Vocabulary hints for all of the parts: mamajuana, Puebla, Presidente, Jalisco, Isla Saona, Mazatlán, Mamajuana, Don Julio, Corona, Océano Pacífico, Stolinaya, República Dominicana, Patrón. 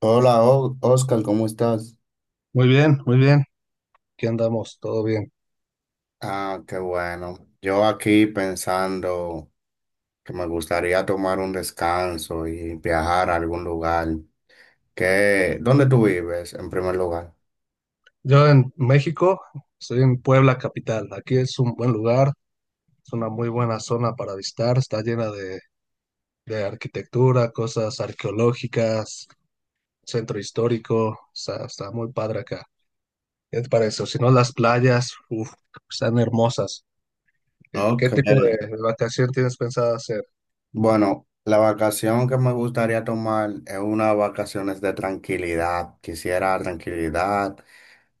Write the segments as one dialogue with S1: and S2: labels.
S1: Hola, Oscar, ¿cómo estás?
S2: Muy bien, muy bien. Aquí andamos, todo bien.
S1: Ah, qué bueno. Yo aquí pensando que me gustaría tomar un descanso y viajar a algún lugar. ¿Qué? ¿Dónde tú vives en primer lugar?
S2: Yo en México, estoy en Puebla capital. Aquí es un buen lugar, es una muy buena zona para visitar. Está llena de arquitectura, cosas arqueológicas, centro histórico. Está muy padre acá. ¿Qué te parece? O si no, las playas, uf, están hermosas. ¿Qué
S1: Ok.
S2: tipo de vacación tienes pensado hacer?
S1: Bueno, la vacación que me gustaría tomar es unas vacaciones de tranquilidad. Quisiera tranquilidad,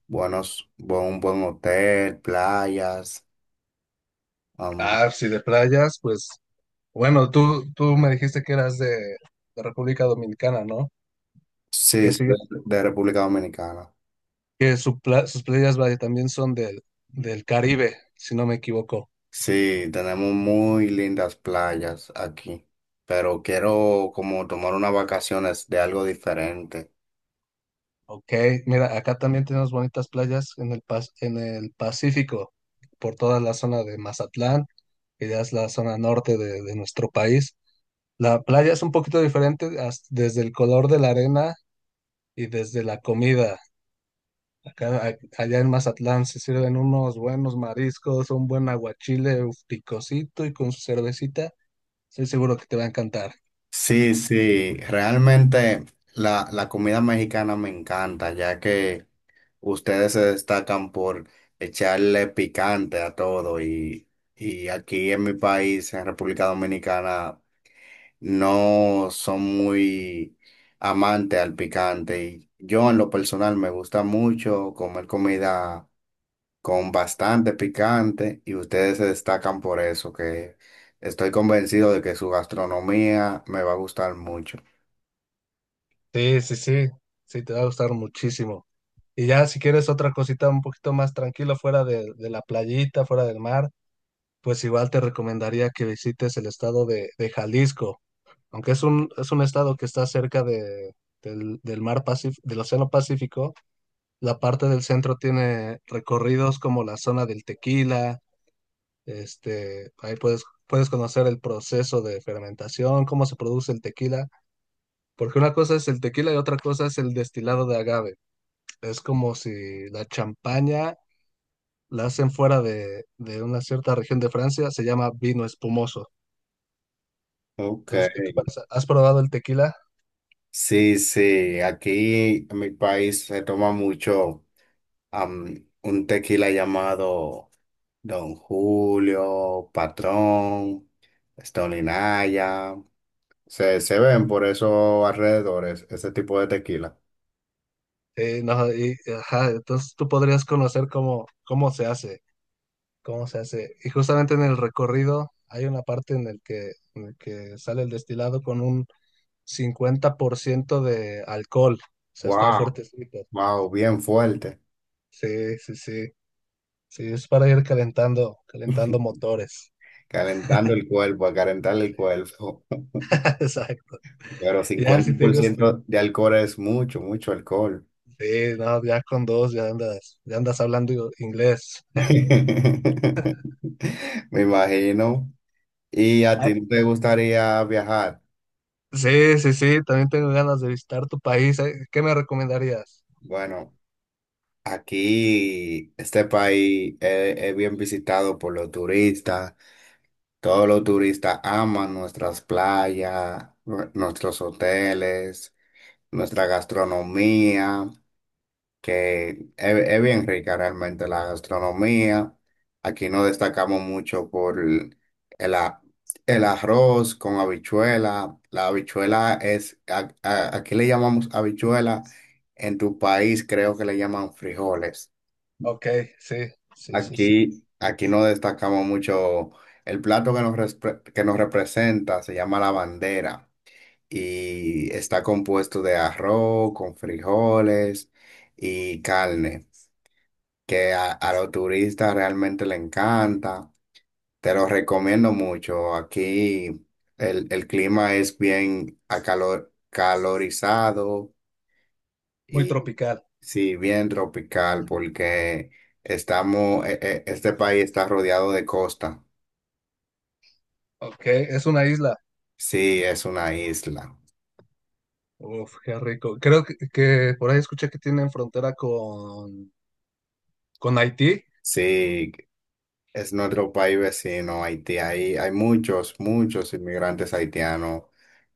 S1: un buen hotel, playas. am,
S2: Ah, si de playas, pues bueno, tú me dijiste que eras de República Dominicana, ¿no?
S1: sí,
S2: ¿Qué
S1: soy
S2: sigue
S1: de República Dominicana.
S2: que su sus playas vaya, también son del Caribe, si no me equivoco.
S1: Sí, tenemos muy lindas playas aquí, pero quiero como tomar unas vacaciones de algo diferente.
S2: Ok, mira, acá también tenemos bonitas playas en el Pacífico, por toda la zona de Mazatlán, que ya es la zona norte de nuestro país. La playa es un poquito diferente desde el color de la arena y desde la comida. Acá, a- allá en Mazatlán se sirven unos buenos mariscos, un buen aguachile, uf, picosito y con su cervecita. Estoy seguro que te va a encantar.
S1: Sí, sí, realmente la comida mexicana me encanta, ya que ustedes se destacan por echarle picante a todo y aquí en mi país, en República Dominicana, no son muy amantes al picante. Y yo en lo personal me gusta mucho comer comida con bastante picante y ustedes se destacan por eso, que estoy convencido de que su gastronomía me va a gustar mucho.
S2: Sí, sí, sí, sí, te va a gustar muchísimo. Y ya si quieres otra cosita un poquito más tranquila fuera de la playita, fuera del mar, pues igual te recomendaría que visites el estado de Jalisco, aunque es un estado que está cerca del mar Pacífico, del Océano Pacífico. La parte del centro tiene recorridos como la zona del tequila. Ahí puedes conocer el proceso de fermentación, cómo se produce el tequila, porque una cosa es el tequila y otra cosa es el destilado de agave. Es como si la champaña la hacen fuera de una cierta región de Francia, se llama vino espumoso.
S1: Ok.
S2: Entonces, ¿qué te parece? ¿Has probado el tequila?
S1: Sí, sí, aquí en mi país se toma mucho un tequila llamado Don Julio, Patrón, Stolinaya. Se ven por esos alrededores ese tipo de tequila.
S2: No, ajá, entonces tú podrías conocer cómo, cómo se hace, cómo se hace. Y justamente en el recorrido hay una parte en el que sale el destilado con un 50% de alcohol. O sea, está
S1: Wow,
S2: fuertecito.
S1: wow, bien fuerte.
S2: Sí, sí, sí. Sí, es para ir calentando, calentando motores.
S1: Calentando el cuerpo, a calentar el cuerpo.
S2: Exacto.
S1: Pero
S2: Ya, si
S1: cincuenta
S2: te
S1: por
S2: gusta.
S1: ciento de alcohol es mucho, mucho alcohol.
S2: Sí, no, ya con dos ya andas hablando inglés.
S1: Me imagino. ¿Y a
S2: Ah,
S1: ti no te gustaría viajar?
S2: sí, sí, sí, también tengo ganas de visitar tu país, ¿eh? ¿Qué me recomendarías?
S1: Bueno, aquí este país es bien visitado por los turistas. Todos los turistas aman nuestras playas, nuestros hoteles, nuestra gastronomía. Que es bien rica realmente la gastronomía. Aquí no destacamos mucho por el a- el arroz con habichuela. La habichuela es, aquí le llamamos habichuela, en tu país creo que le llaman frijoles.
S2: Ok, sí, sí, sí, sí.
S1: Aquí, aquí no destacamos mucho. El plato que nos, que nos representa se llama la bandera y está compuesto de arroz con frijoles y carne que a los turistas realmente le encanta. Te lo recomiendo mucho. Aquí el clima es bien acalor, calorizado
S2: Muy
S1: y
S2: tropical.
S1: sí, bien tropical porque este país está rodeado de costa.
S2: Ok, es una isla.
S1: Sí, es una isla.
S2: Uf, qué rico. Creo que, por ahí escuché que tienen frontera con Haití.
S1: Sí, es nuestro país vecino, Haití. Hay muchos, muchos inmigrantes haitianos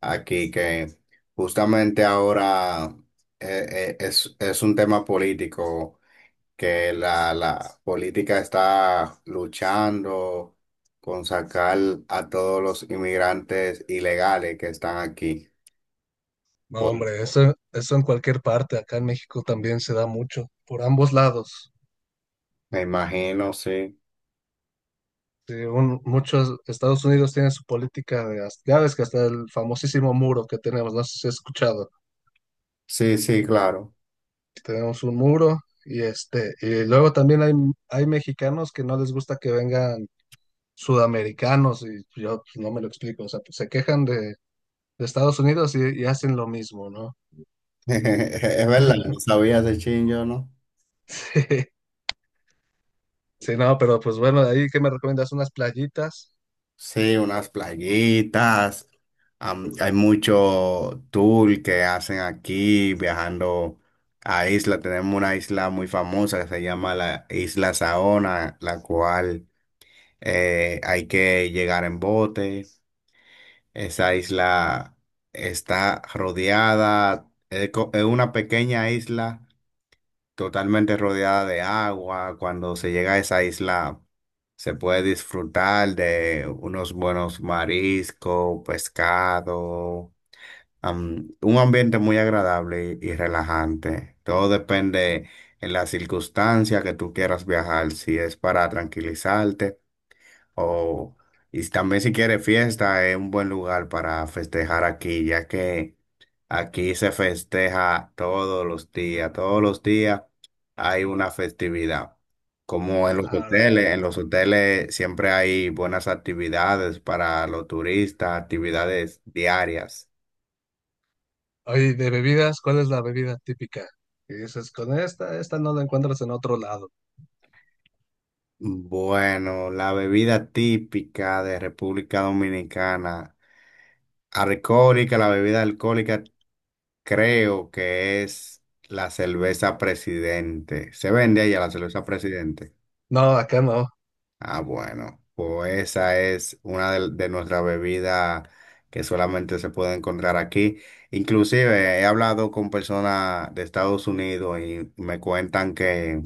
S1: aquí que justamente ahora es un tema político, que la política está luchando con sacar a todos los inmigrantes ilegales que están aquí.
S2: No,
S1: Por,
S2: hombre, eso en cualquier parte, acá en México también se da mucho, por ambos lados.
S1: me imagino, sí.
S2: Según muchos, Estados Unidos tiene su política de, ya ves que hasta el famosísimo muro que tenemos, no sé si has escuchado.
S1: Sí, sí, claro.
S2: Tenemos un muro y, y luego también hay mexicanos que no les gusta que vengan sudamericanos, y yo pues no me lo explico, o sea, pues, se quejan de Estados Unidos y hacen lo mismo, ¿no?
S1: Es verdad, no sabía ese chingo, ¿no?
S2: Sí, sí, no, pero pues bueno, ahí que me recomiendas unas playitas.
S1: Sí, unas playitas. Hay mucho tour que hacen aquí viajando a isla. Tenemos una isla muy famosa que se llama la Isla Saona, la cual hay que llegar en bote. Esa isla está rodeada, es es una pequeña isla totalmente rodeada de agua. Cuando se llega a esa isla, se puede disfrutar de unos buenos mariscos, pescado, un ambiente muy agradable y relajante. Todo depende en la circunstancia que tú quieras viajar, si es para tranquilizarte. Oh, y también si quiere fiesta, es un buen lugar para festejar aquí, ya que aquí se festeja todos los días hay una festividad. Como
S2: Ahora,
S1: en los hoteles siempre hay buenas actividades para los turistas, actividades diarias.
S2: oye, de bebidas, ¿cuál es la bebida típica? Y dices, con esta no la encuentras en otro lado.
S1: Bueno, la bebida típica de República Dominicana, alcohólica, la bebida alcohólica creo que es la cerveza Presidente. ¿Se vende allá la cerveza Presidente?
S2: No, acá no.
S1: Ah, bueno, pues esa es una de nuestras bebidas que solamente se puede encontrar aquí. Inclusive he hablado con personas de Estados Unidos y me cuentan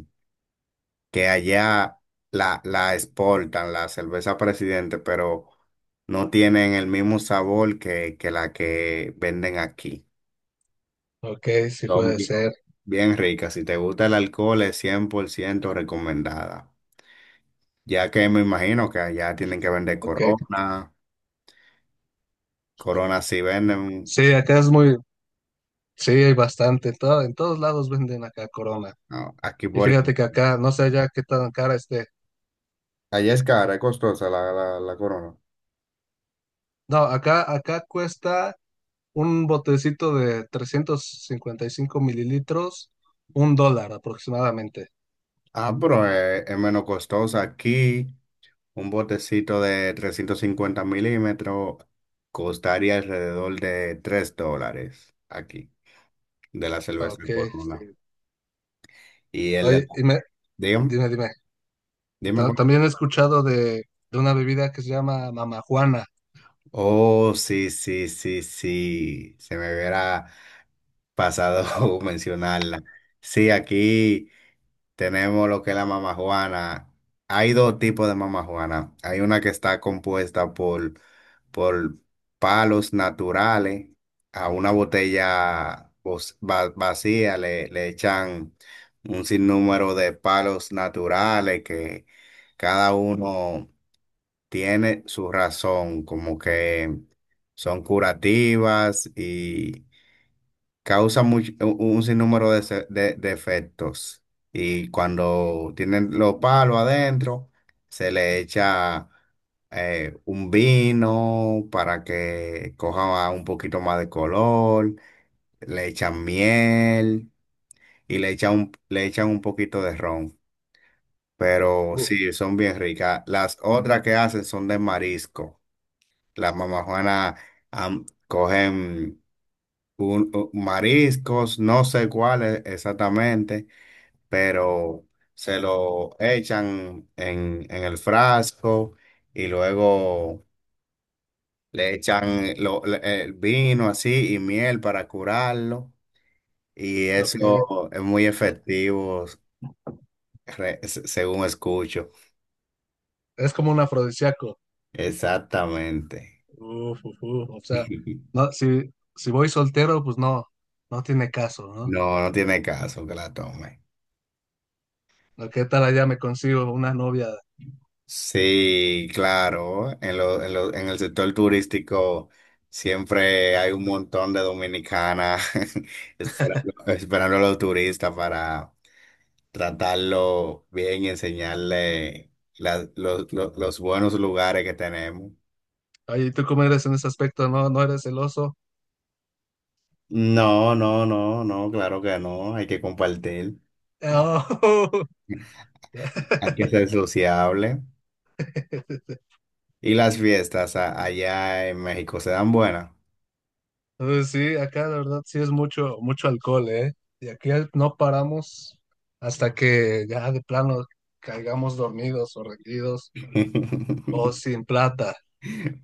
S1: que allá la exportan, la cerveza Presidente, pero no tienen el mismo sabor que la que venden aquí.
S2: Ok, sí
S1: Son
S2: puede ser.
S1: bien ricas. Si te gusta el alcohol, es 100% recomendada. Ya que me imagino que allá tienen que vender
S2: Ok.
S1: Corona. Corona sí venden.
S2: Sí, acá es muy, sí, hay bastante. En todos lados venden acá Corona.
S1: No, aquí
S2: Y
S1: por...
S2: fíjate que acá, no sé ya qué tan cara esté.
S1: Allá es cara, es costosa la Corona.
S2: No, acá cuesta un botecito de 355 ml, $1 aproximadamente.
S1: Ah, pero es menos costosa. Aquí un botecito de 350 mm costaría alrededor de $3 aquí, de la cerveza
S2: Ok,
S1: Corona.
S2: sí.
S1: Y el de...
S2: Oye,
S1: Dígame,
S2: dime.
S1: dime.
S2: También he escuchado de una bebida que se llama Mamajuana.
S1: Oh, sí, sí, sí, sí. Se me hubiera pasado mencionarla. Sí, aquí tenemos lo que es la mamajuana. Hay dos tipos de mamajuana. Hay una que está compuesta por palos naturales. A una botella vacía le echan un sinnúmero de palos naturales que cada uno tiene su razón, como que son curativas y causan un sinnúmero de efectos. Y cuando tienen los palos adentro, se le echa un vino para que coja un poquito más de color, le echan miel y le echan un poquito de ron. Pero
S2: Uh,
S1: sí, son bien ricas. Las otras que hacen son de marisco. Las mamás Juanas cogen mariscos, no sé cuáles exactamente, pero se lo echan en el frasco y luego le echan lo- le- el vino así y miel para curarlo. Y
S2: ok.
S1: eso es muy efectivo, según escucho.
S2: Es como un afrodisíaco.
S1: Exactamente.
S2: Uf, uf, uf. O sea, no, si voy soltero, pues no, no tiene caso, ¿no?
S1: No, no tiene caso que la tome.
S2: ¿No? ¿Qué tal allá me consigo una novia?
S1: Sí, claro, en el sector turístico siempre hay un montón de dominicanas esperando, esperando a los turistas para tratarlo bien y enseñarle los buenos lugares que tenemos.
S2: Oye, ¿y tú cómo eres en ese aspecto? ¿No, no eres celoso?
S1: No, no, no, no, claro que no, hay que compartir,
S2: Oh.
S1: hay que ser sociable. Y las fiestas allá en México se dan buenas.
S2: Entonces, sí, acá la verdad sí es mucho, mucho alcohol, ¿eh? Y aquí no paramos hasta que ya de plano caigamos dormidos o rendidos o sin plata.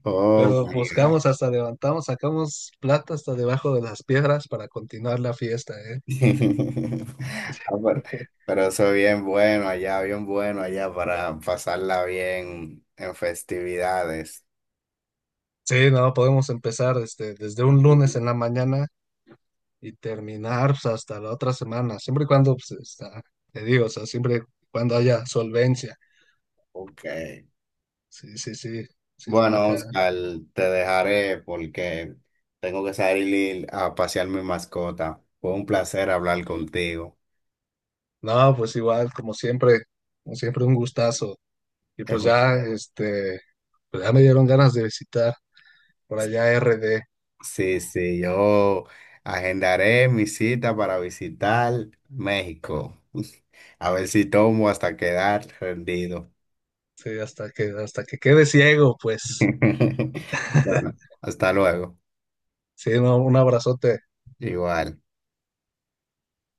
S1: Oh,
S2: Pero buscamos, hasta levantamos, sacamos plata hasta debajo de las piedras para continuar la fiesta,
S1: Ah,
S2: ¿eh?
S1: pero eso bien bueno allá para pasarla bien en festividades.
S2: Sí, no, podemos empezar, desde un lunes en la mañana, y terminar pues hasta la otra semana, siempre y cuando pues te digo, o sea, siempre y cuando haya solvencia.
S1: Ok.
S2: Sí, sí, sí, si no
S1: Bueno,
S2: acá.
S1: Oscar, te dejaré porque tengo que salir a pasear mi mascota. Fue un placer hablar contigo.
S2: No, pues igual, como siempre un gustazo. Y
S1: Es
S2: pues
S1: un-
S2: ya, pues ya me dieron ganas de visitar por allá RD,
S1: Sí, sí, yo agendaré mi cita para visitar México. A ver si tomo hasta quedar rendido.
S2: sí, hasta que quede ciego, pues.
S1: Bueno, hasta luego.
S2: Sí, no, un abrazote.
S1: Igual.